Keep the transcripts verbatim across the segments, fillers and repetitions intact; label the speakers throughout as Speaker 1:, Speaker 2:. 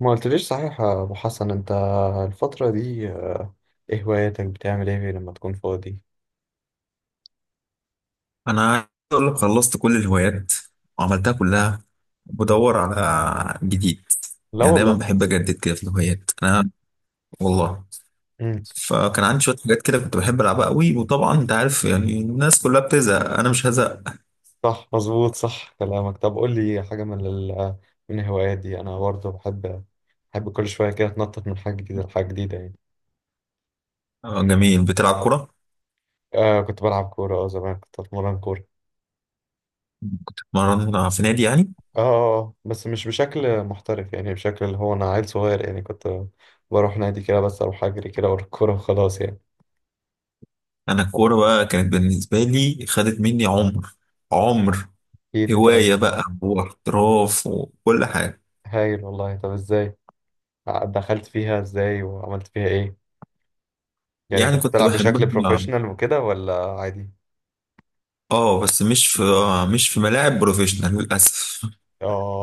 Speaker 1: ما قلتليش صحيح يا ابو حسن انت، الفترة دي، آه، ايه هواياتك؟ بتعمل ايه لما تكون فاضي؟
Speaker 2: انا عايز اقول لك خلصت كل الهوايات وعملتها كلها. بدور على جديد.
Speaker 1: لا
Speaker 2: يعني دايما
Speaker 1: والله.
Speaker 2: بحب اجدد كده في الهوايات انا، والله.
Speaker 1: امم.
Speaker 2: فكان عندي شويه حاجات كده كنت بحب العبها قوي، وطبعا انت عارف يعني الناس كلها بتزهق، انا مش هزهق.
Speaker 1: صح، مظبوط، صح كلامك. طب قول لي حاجة من ال... من الهوايات دي. انا برضه بحب بحب كل شوية كده اتنطط من حاجة جديدة لحاجة جديدة يعني.
Speaker 2: آه، جميل. بتلعب كوره؟
Speaker 1: آه، كنت بلعب كورة. اه زمان كنت اتمرن كورة.
Speaker 2: مرن في نادي يعني؟
Speaker 1: اه. آه، آه، بس مش بشكل محترف، يعني بشكل اللي هو انا عيل صغير يعني. كنت بروح نادي كده، بس اروح اجري كده ورا الكورة وخلاص يعني.
Speaker 2: انا الكوره بقى كانت بالنسبه لي، خدت مني عمر عمر
Speaker 1: ايه اللي؟ طيب.
Speaker 2: هوايه بقى، واحتراف وكل حاجه.
Speaker 1: هايل والله. طب ازاي دخلت فيها؟ ازاي وعملت فيها ايه؟ يعني
Speaker 2: يعني
Speaker 1: كنت
Speaker 2: كنت
Speaker 1: بتلعب بشكل
Speaker 2: بحبها،
Speaker 1: بروفيشنال وكده ولا عادي؟
Speaker 2: اه، بس مش في آه، مش في ملاعب بروفيشنال للاسف.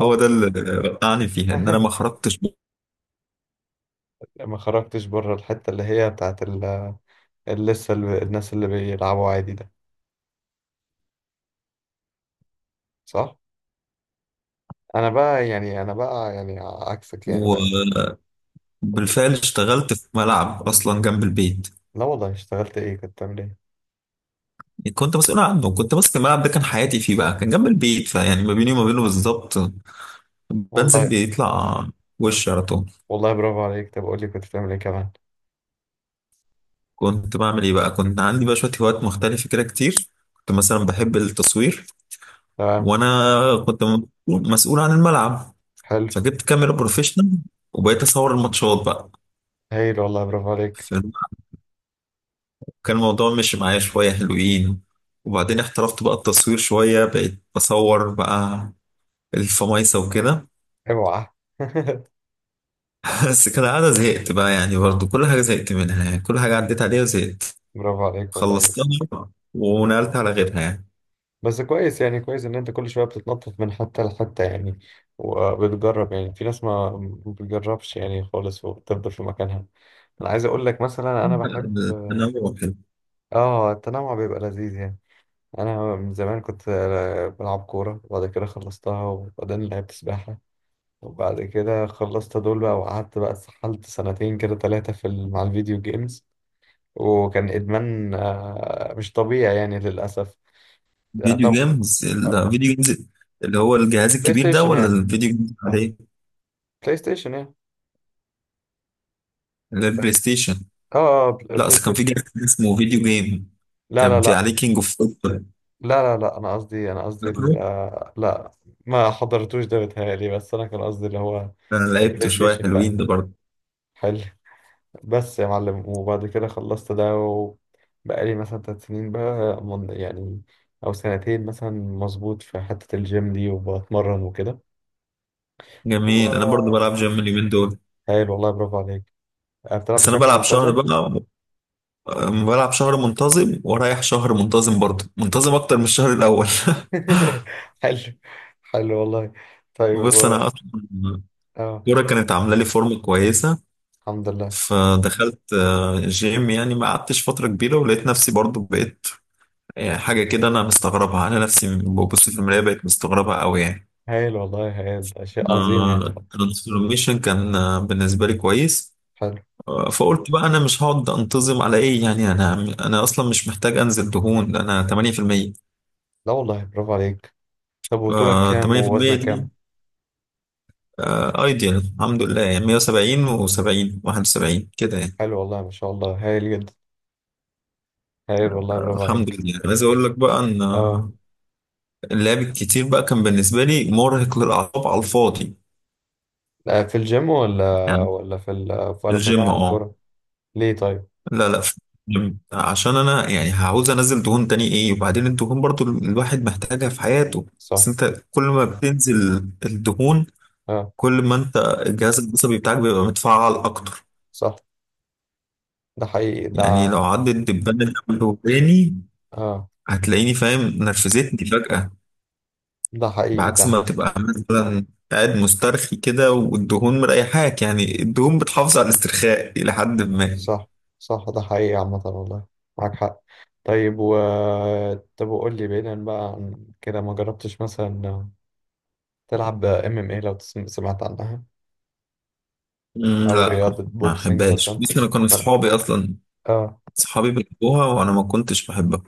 Speaker 2: هو ده اللي وقعني فيها، ان انا ما خرجتش.
Speaker 1: لا، ما خرجتش بره الحتة اللي هي بتاعت ال اللي لسه ال- الناس اللي بيلعبوا عادي ده. صح. انا بقى يعني انا بقى يعني عكسك يعني، لا.
Speaker 2: وبالفعل اشتغلت في ملعب اصلا جنب البيت.
Speaker 1: لا والله، اشتغلت ايه؟ كنت بتعمل ايه؟
Speaker 2: كنت مسؤول عنه، كنت ماسك الملعب ده، كان حياتي فيه بقى. كان جنب البيت، فيعني ما بيني وما بينه بالظبط. بنزل
Speaker 1: والله.
Speaker 2: بيطلع وش على طول.
Speaker 1: والله برافو عليك. طب قول لي كنت بتعمل ايه كمان؟
Speaker 2: كنت بعمل ايه بقى؟ كنت عندي بقى شويه هوايات مختلفه كده كتير. كنت مثلا بحب التصوير،
Speaker 1: تمام.
Speaker 2: وانا كنت مسؤول مسؤول عن الملعب،
Speaker 1: حلو.
Speaker 2: فجبت كاميرا بروفيشنال وبقيت اصور الماتشات بقى.
Speaker 1: هايل والله، برافو عليك.
Speaker 2: كان الموضوع مشي معايا شوية حلوين، وبعدين احترفت بقى التصوير شوية، بقيت بصور بقى الفمايسة وكده.
Speaker 1: اوعى.
Speaker 2: بس كالعادة زهقت بقى، يعني برضو كل حاجة زهقت منها، يعني كل حاجة عديت عليها وزهقت.
Speaker 1: برافو عليك والله.
Speaker 2: خلصتها ونقلت على غيرها يعني.
Speaker 1: بس كويس، يعني كويس ان انت كل شويه بتتنطط من حته لحته يعني. وبتجرب يعني، في ناس ما ما بتجربش يعني خالص، وبتفضل في مكانها. انا عايز اقول لك مثلا، انا بحب.
Speaker 2: أنا واحد.
Speaker 1: اه، التنوع بيبقى لذيذ يعني. انا من زمان كنت بلعب كوره، وبعد كده خلصتها، وبعدين لعبت سباحه، وبعد كده خلصت دول بقى. وقعدت بقى اتسحلت سنتين كده ثلاثه في ال- مع الفيديو جيمز. وكان ادمان آه، مش طبيعي يعني للاسف. آه،
Speaker 2: فيديو
Speaker 1: طب.
Speaker 2: جيمز؟
Speaker 1: آه،
Speaker 2: الفيديو جيمز اللي هو الجهاز
Speaker 1: بلاي
Speaker 2: الكبير ده،
Speaker 1: ستيشن
Speaker 2: ولا
Speaker 1: يعني.
Speaker 2: الفيديو جيمز عليه
Speaker 1: بلاي ستيشن يعني.
Speaker 2: اللي هي
Speaker 1: ف-
Speaker 2: البلاي ستيشن؟
Speaker 1: اه. آه، بل-
Speaker 2: لا،
Speaker 1: بلاي
Speaker 2: أصل كان في
Speaker 1: ستيشن.
Speaker 2: جهاز اسمه فيديو جيم،
Speaker 1: لا، لا،
Speaker 2: كان في
Speaker 1: لا.
Speaker 2: عليه كينج اوف فوتبول،
Speaker 1: لا، لا، لا، انا قصدي انا قصدي ال-
Speaker 2: فاكره؟
Speaker 1: آه، لا. ما حضرتوش ده بيتهيألي. بس انا كان قصدي اللي هو
Speaker 2: انا
Speaker 1: بلاي
Speaker 2: لعبته شويه
Speaker 1: ستيشن. لا.
Speaker 2: حلوين ده برضه.
Speaker 1: حلو. بس يا معلم، وبعد كده خلصت ده، وبقالي مثلا تلات سنين بقى من يعني، او سنتين مثلا مظبوط، في حتة الجيم دي وبتمرن وكده.
Speaker 2: جميل، انا برضو
Speaker 1: و-
Speaker 2: بلعب جيم اليومين دول.
Speaker 1: حلو والله، برافو عليك. آه، بتلعب
Speaker 2: بس انا
Speaker 1: بشكل
Speaker 2: بلعب شهر
Speaker 1: منتظم؟
Speaker 2: بقى، أم- بلعب شهر منتظم ورايح شهر منتظم، برضو منتظم اكتر من الشهر الاول.
Speaker 1: حلو. حلو والله. طيب
Speaker 2: بص انا
Speaker 1: و-
Speaker 2: اصلا
Speaker 1: اه.
Speaker 2: الكوره كانت عامله لي فورمه كويسه،
Speaker 1: الحمد لله.
Speaker 2: فدخلت آه، جيم. يعني ما قعدتش فتره كبيره ولقيت نفسي برضو بقيت آه، حاجه كده انا مستغربها. انا نفسي ببص في المرايه بقيت مستغربها قوي يعني.
Speaker 1: هايل والله، هايل، ده شيء عظيم يعني.
Speaker 2: الترانسفورميشن كان آه، بالنسبه لي كويس.
Speaker 1: حلو.
Speaker 2: فقلت بقى انا مش هقعد انتظم على ايه يعني. انا انا اصلا مش محتاج انزل دهون، ده انا ثمانية في المية.
Speaker 1: لا والله، برافو عليك. طب وطولك
Speaker 2: آه،
Speaker 1: كام
Speaker 2: ثمانية في المية
Speaker 1: ووزنك
Speaker 2: دي
Speaker 1: كام؟
Speaker 2: آه، ايديال الحمد لله. يعني مية وسبعين و70 واحد وسبعين كده يعني.
Speaker 1: حلو والله، ما شاء الله، هايل جدا. هايل والله، برافو
Speaker 2: الحمد
Speaker 1: عليك.
Speaker 2: لله. عايز اقول لك بقى ان
Speaker 1: اه،
Speaker 2: آه، اللعب الكتير بقى كان بالنسبه لي مرهق للاعصاب على الفاضي
Speaker 1: لا في الجيم، ولا
Speaker 2: يعني.
Speaker 1: ولا في ال... ولا في
Speaker 2: الجيم،
Speaker 1: الملعب
Speaker 2: اه.
Speaker 1: الكورة؟ ليه طيب؟
Speaker 2: لا، لا، في الجيم، عشان انا يعني هعوز انزل دهون تاني ايه، وبعدين الدهون برضو الواحد محتاجها في حياته. بس
Speaker 1: صح.
Speaker 2: انت كل ما بتنزل الدهون،
Speaker 1: اه،
Speaker 2: كل ما انت الجهاز العصبي بتاعك بيبقى متفعل اكتر.
Speaker 1: صح، ده حقيقي
Speaker 2: يعني
Speaker 1: ده.
Speaker 2: لو عدت دبانة جنب وداني،
Speaker 1: اه،
Speaker 2: هتلاقيني فاهم نرفزتني فجأة.
Speaker 1: ده حقيقي
Speaker 2: بعكس ما
Speaker 1: ده.
Speaker 2: بتبقى مثلا قاعد مسترخي كده، والدهون مريحاك. يعني الدهون بتحافظ على الاسترخاء إلى حد ما.
Speaker 1: صح. صح، ده حقيقي عامة والله. معاك حق. طيب، و طب وقول لي بعيدا بقى عن كده، ما جربتش مثلا تلعب ام ام اي؟ لو تسم- سمعت عنها،
Speaker 2: مم،
Speaker 1: او
Speaker 2: لا،
Speaker 1: رياضة
Speaker 2: ما
Speaker 1: بوكسنج مثلا؟
Speaker 2: أحبهاش. بس أنا كانوا
Speaker 1: ما-
Speaker 2: صحابي أصلا،
Speaker 1: اه.
Speaker 2: صحابي بيحبوها وأنا ما كنتش بحبها.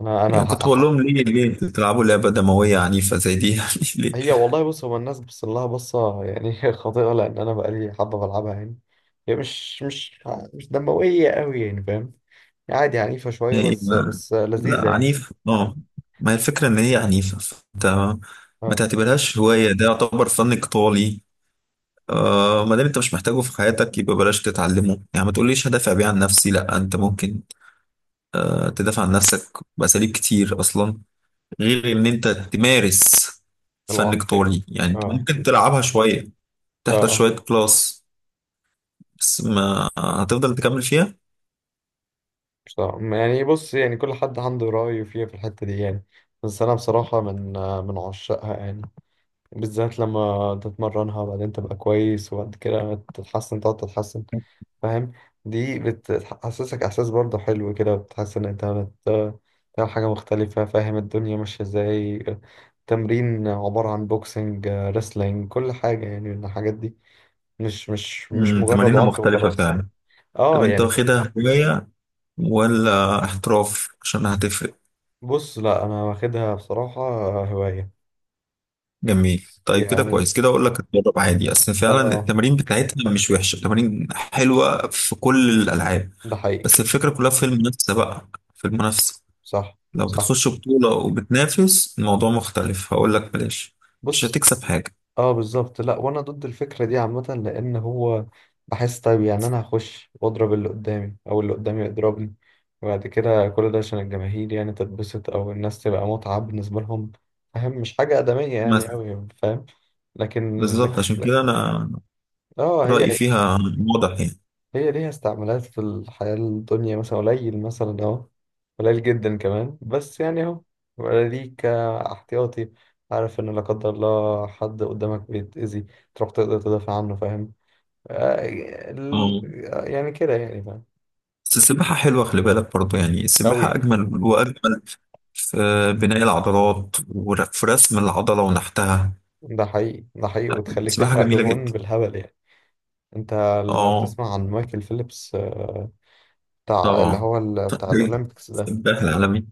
Speaker 1: انا انا
Speaker 2: يعني كنت
Speaker 1: ح-
Speaker 2: بقول
Speaker 1: ح-
Speaker 2: لهم ليه ليه بتلعبوا لعبة دموية عنيفة زي دي يعني؟ ليه؟
Speaker 1: هي والله، بص، هو الناس بص لها بصة يعني خاطئة، لان انا بقالي حبة بلعبها يعني. هي مش مش مش دموية قوي يعني، فاهم؟ عادي، عنيفة شوية،
Speaker 2: ايه
Speaker 1: بس
Speaker 2: ما،
Speaker 1: بس لذيذة
Speaker 2: لا،
Speaker 1: يعني.
Speaker 2: عنيف اه. ما هي الفكرة ان هي عنيفة، فانت ما
Speaker 1: اه،
Speaker 2: تعتبرهاش هواية، ده يعتبر فن قتالي. آه، ما دام انت مش محتاجه في حياتك يبقى بلاش تتعلمه. يعني ما تقوليش هدافع بيه عن نفسي، لا انت ممكن آه تدافع عن نفسك بأساليب كتير اصلا، غير ان انت تمارس فن
Speaker 1: العنف يعني.
Speaker 2: قتالي. يعني انت
Speaker 1: اه،
Speaker 2: ممكن تلعبها شوية،
Speaker 1: اه،
Speaker 2: تحضر
Speaker 1: اه،
Speaker 2: شوية كلاس، بس ما هتفضل تكمل فيها.
Speaker 1: مش طبعا. يعني بص، يعني كل حد عنده رأيه فيها في الحتة دي يعني. بس أنا بصراحة من آه، من عشاقها يعني. بالذات لما تتمرنها، وبعدين تبقى كويس، وبعد كده تتحسن، تقعد تتحسن، فاهم؟ دي بتحسسك احساس برضه حلو كده. بتحس ان انت بت- بتعمل حاجه مختلفه، فاهم الدنيا ماشيه ازاي. تمرين عباره عن بوكسنج، ريسلينج، كل حاجه يعني من الحاجات دي. مش مش مش
Speaker 2: مم،
Speaker 1: مجرد
Speaker 2: تمارينها
Speaker 1: عنف
Speaker 2: مختلفة
Speaker 1: وخلاص يعني.
Speaker 2: فعلا. طب
Speaker 1: اه.
Speaker 2: انت
Speaker 1: يعني ف-
Speaker 2: واخدها هواية ولا احتراف؟ عشان هتفرق.
Speaker 1: بص، لا انا واخدها بصراحه هوايه.
Speaker 2: جميل، طيب كده كويس.
Speaker 1: يعني.
Speaker 2: كده اقول لك اتدرب عادي، اصل فعلا
Speaker 1: اه،
Speaker 2: التمارين بتاعتها مش وحشه، التمارين حلوه في كل الالعاب.
Speaker 1: ده حقيقي.
Speaker 2: بس الفكره كلها في المنافسه بقى، في المنافسه.
Speaker 1: صح،
Speaker 2: لو
Speaker 1: صح،
Speaker 2: بتخش بطوله وبتنافس، الموضوع مختلف، هقول لك بلاش، مش
Speaker 1: بص،
Speaker 2: هتكسب حاجه.
Speaker 1: اه، بالظبط. لا، وانا ضد الفكره دي عامه، لان هو بحس طيب. يعني انا هخش واضرب اللي قدامي، او اللي قدامي يضربني، وبعد كده كل ده عشان الجماهير يعني تتبسط، او الناس تبقى متعه بالنسبه لهم، فاهم؟ مش حاجه ادميه
Speaker 2: بس
Speaker 1: يعني قوي، فاهم؟ لكن
Speaker 2: بالظبط
Speaker 1: لكن
Speaker 2: عشان
Speaker 1: لا-
Speaker 2: كده انا
Speaker 1: اه،
Speaker 2: رايي
Speaker 1: هي.
Speaker 2: فيها واضح يعني.
Speaker 1: هي ليها استعمالات في الحياة الدنيا مثلا قليل، مثلا اهو قليل جدا كمان، بس يعني اهو، ولا ليك احتياطي، عارف ان لا قدر الله حد قدامك بيتأذي تروح تقدر تدافع عنه، فاهم؟ آه، ال-
Speaker 2: اه،
Speaker 1: يعني كده يعني، فاهم.
Speaker 2: بس السباحة حلوة، خلي بالك برضه، يعني السباحة
Speaker 1: أوي.
Speaker 2: أجمل وأجمل في بناء العضلات وفي رسم العضلة ونحتها.
Speaker 1: ده حقيقي، ده حقيقي، وتخليك
Speaker 2: سباحة
Speaker 1: تحرق
Speaker 2: جميلة
Speaker 1: دهون
Speaker 2: جدا.
Speaker 1: بالهبل يعني. انت لو
Speaker 2: اه
Speaker 1: تسمع عن مايكل فيليبس، آه، بتاع اللي
Speaker 2: طبعا.
Speaker 1: هو ال- بتاع
Speaker 2: طيب،
Speaker 1: الأولمبيكس ده.
Speaker 2: الدخل العالمي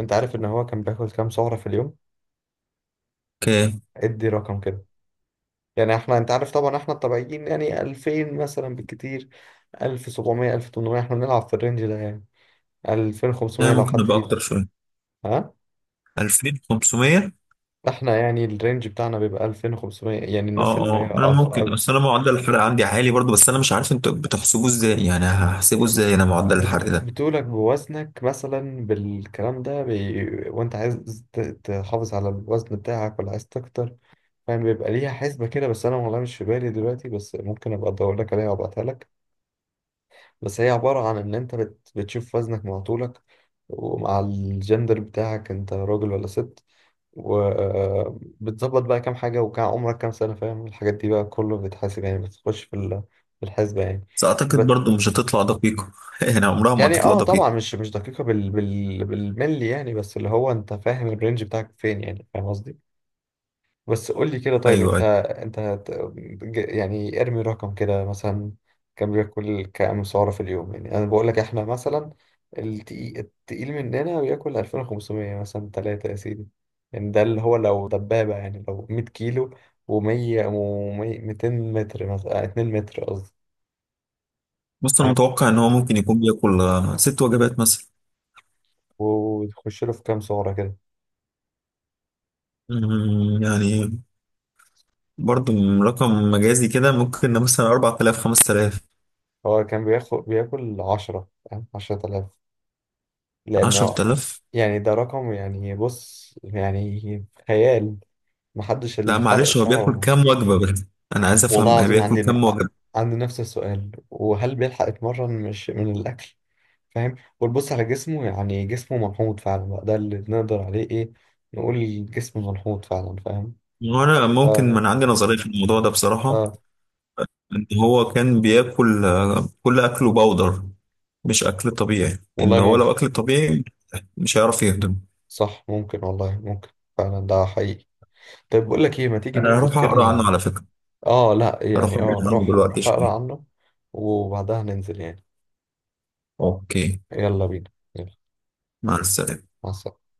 Speaker 1: انت عارف ان هو كان بياكل كام سعرة في اليوم؟
Speaker 2: كام؟
Speaker 1: ادي رقم كده. يعني احنا، انت عارف طبعا، احنا الطبيعيين يعني ألفين مثلا بالكتير، سبعتاشر، ألف وتمنمية، احنا بنلعب في الرينج ده يعني.
Speaker 2: يعني
Speaker 1: ألفين وخمسمية لو
Speaker 2: ممكن
Speaker 1: حد
Speaker 2: نبقى
Speaker 1: ايدي.
Speaker 2: أكتر شوية.
Speaker 1: ها.
Speaker 2: ألفين وخمسميه.
Speaker 1: احنا يعني الرينج بتاعنا بيبقى ألفين وخمسمية، يعني
Speaker 2: اه،
Speaker 1: الناس اللي هي
Speaker 2: اه، أنا
Speaker 1: أض-
Speaker 2: ممكن،
Speaker 1: أض-
Speaker 2: بس أنا معدل الحرق عندي عالي برضو، بس أنا مش عارف أنتوا بتحسبوه إزاي، يعني هحسبه إزاي أنا معدل الحرق
Speaker 1: بت-
Speaker 2: ده؟
Speaker 1: بتقولك بوزنك مثلا، بالكلام ده بي... وانت عايز ت- تحافظ على الوزن بتاعك ولا عايز تكتر. فاهم، بيبقى ليها حسبة كده. بس انا والله مش في بالي دلوقتي، بس ممكن ابقى ادور لك عليها وابعتها لك. بس هي عبارة عن إن أنت بت... بتشوف وزنك مع طولك. ومع الجندر بتاعك، أنت راجل ولا ست. وبتظبط بقى كام حاجة، وكام، عمرك كام سنة، فاهم؟ الحاجات دي بقى كله بتحاسب يعني، بتخش في ال- في الحسبة يعني.
Speaker 2: بس أعتقد
Speaker 1: بس
Speaker 2: برضو مش هتطلع دقيقة يعني، عمرها ما
Speaker 1: يعني،
Speaker 2: هتطلع
Speaker 1: اه طبعا،
Speaker 2: دقيقة.
Speaker 1: مش مش دقيقة بال... بال... بالملي يعني. بس اللي هو أنت فاهم الرينج بتاعك فين يعني، فاهم قصدي. بس قول لي كده،
Speaker 2: أيوه،
Speaker 1: طيب انت،
Speaker 2: أيوه.
Speaker 1: انت هت- ج- يعني ارمي رقم كده مثلا. كم بياكل كام سعرة في اليوم؟ يعني انا بقول لك احنا مثلا، التقيل, التقيل مننا بياكل ألفين وخمسمية، مثلا ثلاثة يا سيدي. يعني ده اللي هو لو دبابة، يعني لو ميت كيلو، و100، و200 متر، مثلا اتنين متر قصدي.
Speaker 2: بص أنا
Speaker 1: فاهم؟
Speaker 2: متوقع إن هو ممكن يكون بياكل آه، ست وجبات مثلا.
Speaker 1: وتخش له في كام سعرة كده.
Speaker 2: أمم، يعني برضو رقم مجازي كده، ممكن مثلا أربعة آلاف خمسة آلاف.
Speaker 1: هو كان بياخد بياكل عشرة، فاهم؟ عشرة آلاف لأنه.
Speaker 2: عشرتلاف؟
Speaker 1: يعني ده رقم، يعني بص يعني خيال، محدش
Speaker 2: لا
Speaker 1: الحرق
Speaker 2: معلش، هو بياكل
Speaker 1: بتاعه.
Speaker 2: كام وجبة بس؟ أنا عايز
Speaker 1: والله
Speaker 2: أفهم هو
Speaker 1: العظيم
Speaker 2: بياكل
Speaker 1: عندي ن-
Speaker 2: كام وجبة.
Speaker 1: عندي نفس السؤال، وهل بيلحق يتمرن مش من الأكل؟ فاهم، وتبص على جسمه يعني، جسمه ملحوظ فعلا بقى، ده اللي نقدر عليه إيه نقول، جسم ملحوظ فعلا، فاهم.
Speaker 2: وأنا ممكن
Speaker 1: آه.
Speaker 2: من عندي نظرية في الموضوع ده بصراحة.
Speaker 1: آه.
Speaker 2: إن هو كان بياكل آه، كل أكله باودر، مش أكل طبيعي. إن
Speaker 1: والله
Speaker 2: هو
Speaker 1: ممكن.
Speaker 2: لو أكل طبيعي مش هيعرف يهضم.
Speaker 1: صح، ممكن والله، ممكن. فعلا، ده حقيقي. طيب بقول لك إيه، ما تيجي
Speaker 2: أنا
Speaker 1: ننزل
Speaker 2: هروح أقرأ
Speaker 1: كده؟
Speaker 2: عنه على فكرة،
Speaker 1: آه، لا
Speaker 2: هروح
Speaker 1: يعني،
Speaker 2: أقرأ
Speaker 1: آه
Speaker 2: عنه
Speaker 1: روح
Speaker 2: دلوقتي
Speaker 1: روح أقرأ
Speaker 2: شوية.
Speaker 1: عنه. وبعدها ننزل يعني.
Speaker 2: أوكي،
Speaker 1: يلا بينا. يلا.
Speaker 2: مع السلامة.
Speaker 1: مع السلامة.